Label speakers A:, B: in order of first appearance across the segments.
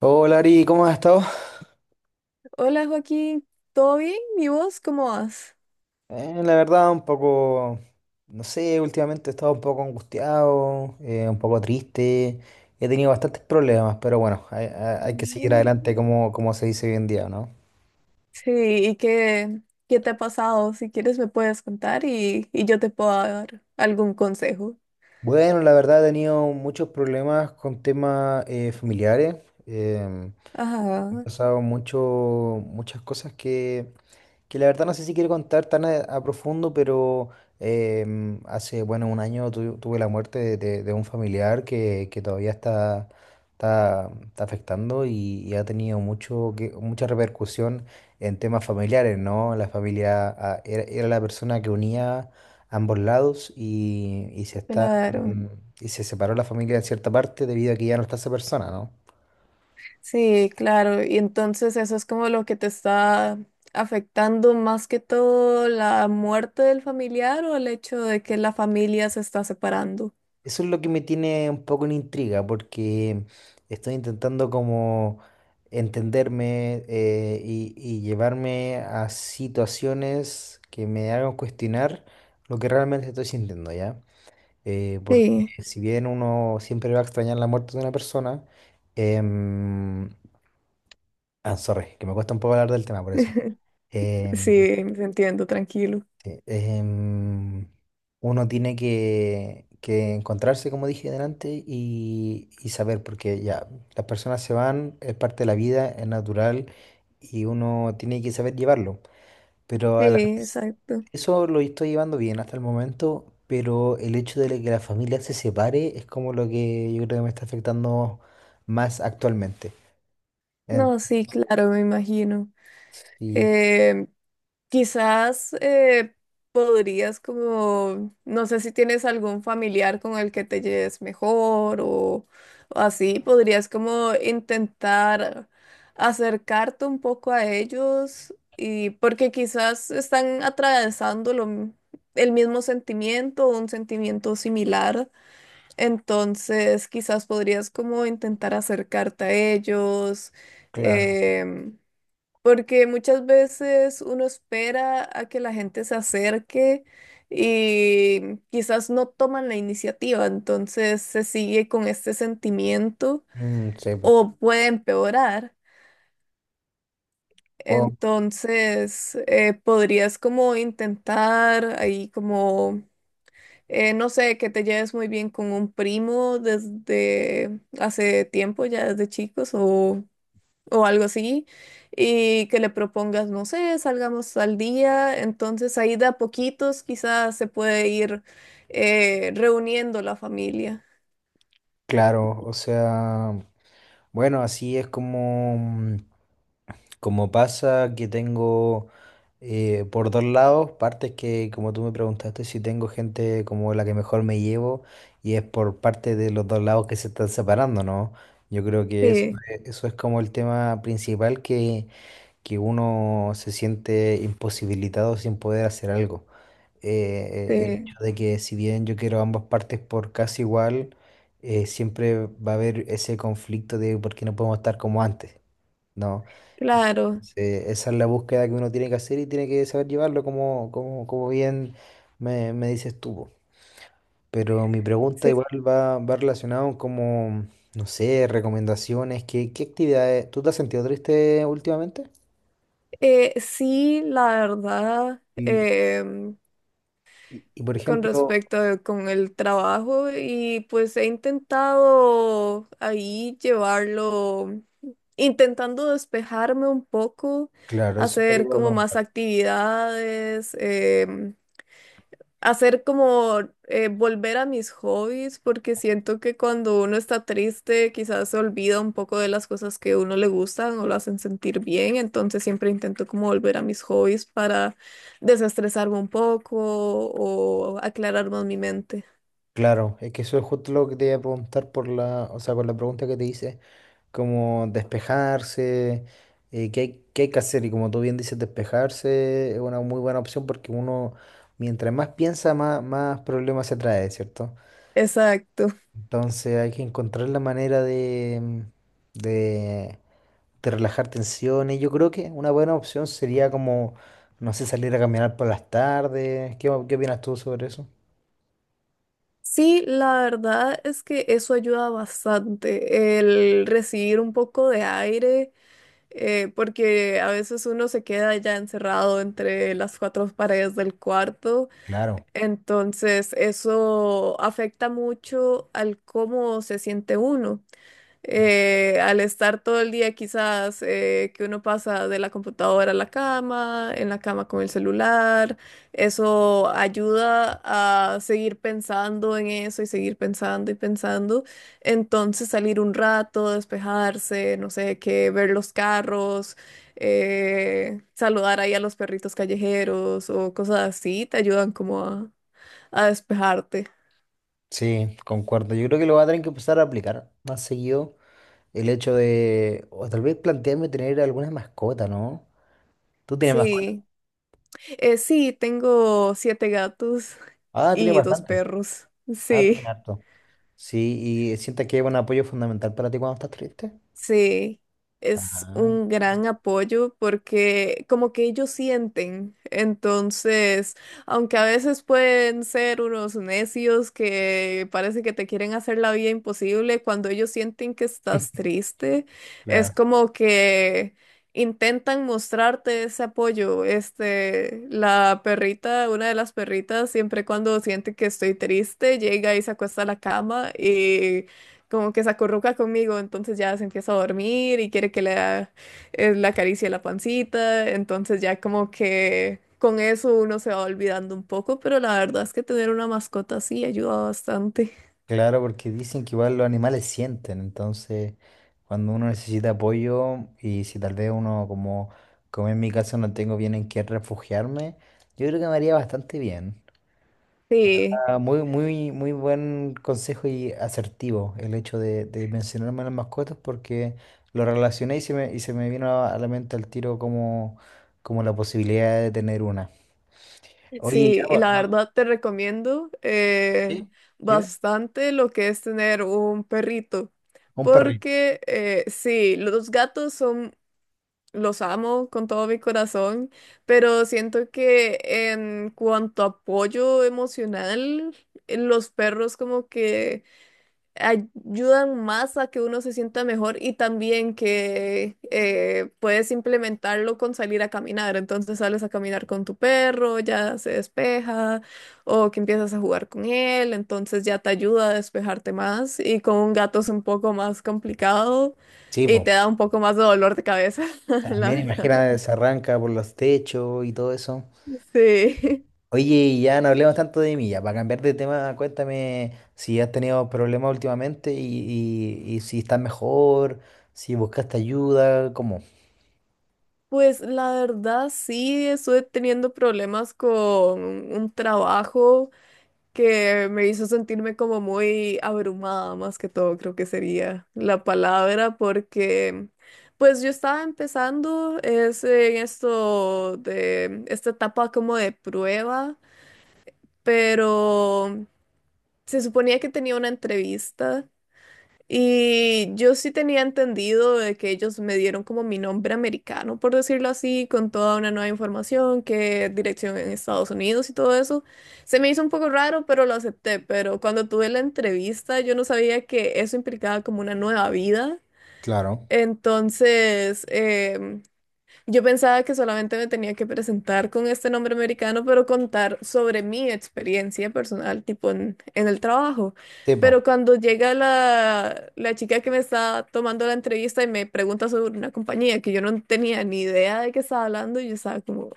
A: Hola Ari, ¿cómo has estado?
B: Hola Joaquín, ¿todo bien? ¿Y vos cómo vas?
A: La verdad, un poco, no sé, últimamente he estado un poco angustiado, un poco triste, he tenido bastantes problemas, pero bueno, hay que seguir
B: Mm,
A: adelante como, como se dice hoy en día, ¿no?
B: sí, ¿y qué, qué te ha pasado? Si quieres me puedes contar y yo te puedo dar algún consejo.
A: Bueno, la verdad he tenido muchos problemas con temas familiares. em, Han
B: Ajá,
A: pasado mucho, muchas cosas que la verdad no sé si quiero contar tan a profundo, pero hace, bueno, un año tuve la muerte de un familiar que todavía está, está afectando y ha tenido mucho, que, mucha repercusión en temas familiares, ¿no? La familia era la persona que unía ambos lados y se está,
B: claro.
A: y se separó la familia en cierta parte debido a que ya no está esa persona, ¿no?
B: Sí, claro. ¿Y entonces eso es como lo que te está afectando más que todo, la muerte del familiar o el hecho de que la familia se está separando?
A: Eso es lo que me tiene un poco en intriga, porque estoy intentando como entenderme, y llevarme a situaciones que me hagan cuestionar lo que realmente estoy sintiendo, ¿ya? Porque
B: Sí,
A: si bien uno siempre va a extrañar la muerte de una persona, em, sorry, que me cuesta un poco hablar del tema por eso.
B: sí,
A: Em,
B: te entiendo, tranquilo.
A: Sí, uno tiene que encontrarse, como dije delante, y saber, porque ya, las personas se van, es parte de la vida, es natural, y uno tiene que saber llevarlo. Pero
B: Sí,
A: a la vez,
B: exacto.
A: eso lo estoy llevando bien hasta el momento, pero el hecho de que la familia se separe es como lo que yo creo que me está afectando más actualmente. En-
B: No, sí, claro, me imagino.
A: sí,
B: Eh, Quizás podrías como, no sé si tienes algún familiar con el que te lleves mejor o así, podrías como intentar acercarte un poco a ellos, y porque quizás están atravesando el mismo sentimiento o un sentimiento similar, entonces quizás podrías como intentar acercarte a ellos.
A: claro.
B: em, Porque muchas veces uno espera a que la gente se acerque y quizás no toman la iniciativa, entonces se sigue con este sentimiento
A: Mm, sí, pues,
B: o puede empeorar.
A: bueno,
B: Entonces, podrías como intentar ahí como, no sé, que te lleves muy bien con un primo desde hace tiempo, ya desde chicos, o algo así, y que le propongas, no sé, salgamos al día, entonces ahí de a poquitos quizás se puede ir reuniendo la familia.
A: claro, o sea... Bueno, así es como, como pasa que tengo por dos lados, partes que como tú me preguntaste si tengo gente como la que mejor me llevo, y es por parte de los dos lados que se están separando, ¿no? Yo creo que eso,
B: Sí,
A: eso es como el tema principal que uno se siente imposibilitado sin poder hacer algo. El hecho
B: sí,
A: de que si bien yo quiero ambas partes por casi igual, siempre va a haber ese conflicto de por qué no podemos estar como antes, ¿no?
B: claro,
A: Entonces, esa es la búsqueda que uno tiene que hacer y tiene que saber llevarlo como, como bien me dices tú. Po. Pero mi pregunta
B: sí.
A: igual va relacionado como, no sé, recomendaciones, qué actividades? ¿Tú te has sentido triste últimamente?
B: Sí, la verdad,
A: Y, por ejemplo,
B: con el trabajo, y pues he intentado ahí llevarlo, intentando despejarme un poco,
A: claro, eso es lo que te
B: hacer
A: iba a
B: como más
A: preguntar.
B: actividades. Hacer como volver a mis hobbies, porque siento que cuando uno está triste, quizás se olvida un poco de las cosas que a uno le gustan o lo hacen sentir bien, entonces siempre intento como volver a mis hobbies para desestresarme un poco o aclarar más mi mente.
A: Claro, es que eso es justo lo que te iba a preguntar por la, o sea, con la pregunta que te hice, como despejarse, qué hay que hacer. Y como tú bien dices, despejarse es una muy buena opción porque uno, mientras más piensa, más problemas se trae, ¿cierto?
B: Exacto.
A: Entonces hay que encontrar la manera de, de, de relajar tensiones. Yo creo que una buena opción sería como, no sé, salir a caminar por las tardes. Qué opinas tú sobre eso?
B: Sí, la verdad es que eso ayuda bastante, el recibir un poco de aire, porque a veces uno se queda ya encerrado entre las cuatro paredes del cuarto.
A: Claro,
B: Entonces, eso afecta mucho al cómo se siente uno. Al estar todo el día, quizás que uno pasa de la computadora a la cama, en la cama con el celular, eso ayuda a seguir pensando en eso y seguir pensando y pensando. Entonces, salir un rato, despejarse, no sé, que ver los carros, saludar ahí a los perritos callejeros o cosas así, te ayudan como a despejarte.
A: sí, concuerdo. Yo creo que lo voy a tener que empezar a aplicar más seguido el hecho de, o tal vez plantearme tener alguna mascota, ¿no? ¿Tú tienes mascota?
B: Sí. Sí, tengo 7 gatos
A: Ah, tienes
B: y dos
A: bastante.
B: perros.
A: Ah,
B: Sí.
A: tienes harto. Sí, ¿y sientes que es un apoyo fundamental para ti cuando estás triste?
B: Sí, es
A: Ajá,
B: un gran apoyo porque como que ellos sienten, entonces, aunque a veces pueden ser unos necios que parece que te quieren hacer la vida imposible, cuando ellos sienten que estás triste, es
A: claro.
B: como que intentan mostrarte ese apoyo. Este, la perrita, una de las perritas, siempre cuando siente que estoy triste, llega y se acuesta a la cama y como que se acurruca conmigo, entonces ya se empieza a dormir y quiere que le da, la acaricie la pancita, entonces ya como que con eso uno se va olvidando un poco, pero la verdad es que tener una mascota así ayuda bastante.
A: Claro, porque dicen que igual los animales sienten, entonces cuando uno necesita apoyo y si tal vez uno como, como en mi caso no tengo bien en qué refugiarme, yo creo que me haría bastante bien.
B: Sí,
A: Ah, muy, muy, muy buen consejo y asertivo el hecho de mencionarme a las mascotas, porque lo relacioné y y se me vino a la mente al tiro como, como la posibilidad de tener una. Oye, ya,
B: sí, y
A: pues,
B: la
A: ¿no?
B: verdad te recomiendo
A: ¿Sí? Dime,
B: bastante lo que es tener un perrito,
A: un perrito.
B: porque sí, los gatos son, los amo con todo mi corazón, pero siento que en cuanto a apoyo emocional, los perros como que ayudan más a que uno se sienta mejor, y también que puedes implementarlo con salir a caminar. Entonces sales a caminar con tu perro, ya se despeja, o que empiezas a jugar con él, entonces ya te ayuda a despejarte más. Y con un gato es un poco más complicado
A: Sí,
B: y
A: pues,
B: te da un poco más de dolor de cabeza, la
A: también
B: verdad.
A: imagina, se arranca por los techos y todo eso.
B: Sí.
A: Oye, y ya no hablemos tanto de mí, ya, para cambiar de tema, cuéntame si has tenido problemas últimamente y si estás mejor, si buscaste ayuda, ¿cómo?
B: Pues la verdad sí, estuve teniendo problemas con un trabajo que me hizo sentirme como muy abrumada, más que todo, creo que sería la palabra, porque pues yo estaba empezando es en esto de esta etapa como de prueba, pero se suponía que tenía una entrevista y yo sí tenía entendido de que ellos me dieron como mi nombre americano, por decirlo así, con toda una nueva información, que dirección en Estados Unidos y todo eso. Se me hizo un poco raro, pero lo acepté. Pero cuando tuve la entrevista, yo no sabía que eso implicaba como una nueva vida.
A: Claro.
B: Entonces, yo pensaba que solamente me tenía que presentar con este nombre americano, pero contar sobre mi experiencia personal, tipo en el trabajo.
A: Sí,
B: Pero
A: po.
B: cuando llega la chica que me está tomando la entrevista y me pregunta sobre una compañía que yo no tenía ni idea de qué estaba hablando, yo estaba como,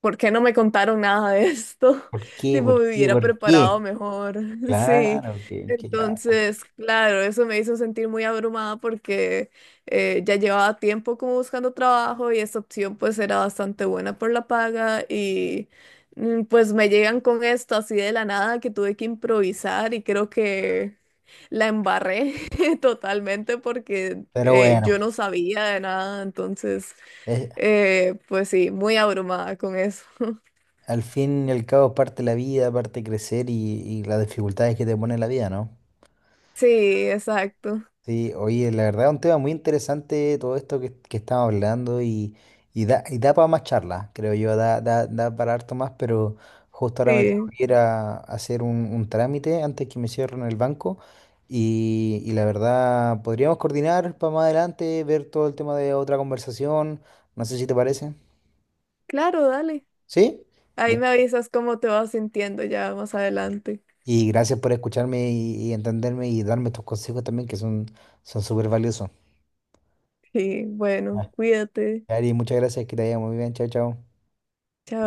B: ¿por qué no me contaron nada de esto?
A: ¿Por qué?
B: Tipo,
A: ¿Por
B: me
A: qué?
B: hubiera
A: Claro, ¿por qué?
B: preparado mejor. Sí.
A: Claro, que claro.
B: Entonces, claro, eso me hizo sentir muy abrumada porque ya llevaba tiempo como buscando trabajo y esta opción pues era bastante buena por la paga y mm, pues me llegan con esto así de la nada que tuve que improvisar y creo que la embarré. Totalmente, porque
A: Pero bueno,
B: yo no sabía de nada, entonces,
A: es-
B: pues sí, muy abrumada con eso.
A: al fin y al cabo, parte de la vida, parte crecer y las dificultades que te pone la vida, ¿no?
B: Sí, exacto.
A: Sí, oye, la verdad es un tema muy interesante todo esto que estamos hablando, y da para más charlas, creo yo, da para harto más, pero justo ahora me tengo
B: Sí,
A: que ir a hacer un trámite antes que me cierren el banco, y la verdad podríamos coordinar para más adelante, ver todo el tema de otra conversación, no sé si te parece.
B: claro, dale.
A: ¿Sí?
B: Ahí
A: Ya.
B: me avisas cómo te vas sintiendo ya más adelante.
A: Y gracias por escucharme y entenderme y darme estos consejos también que son súper valiosos.
B: Sí, bueno,
A: Ah,
B: cuídate.
A: Ari, muchas gracias, que te vaya muy bien, chao, chao.
B: Chao.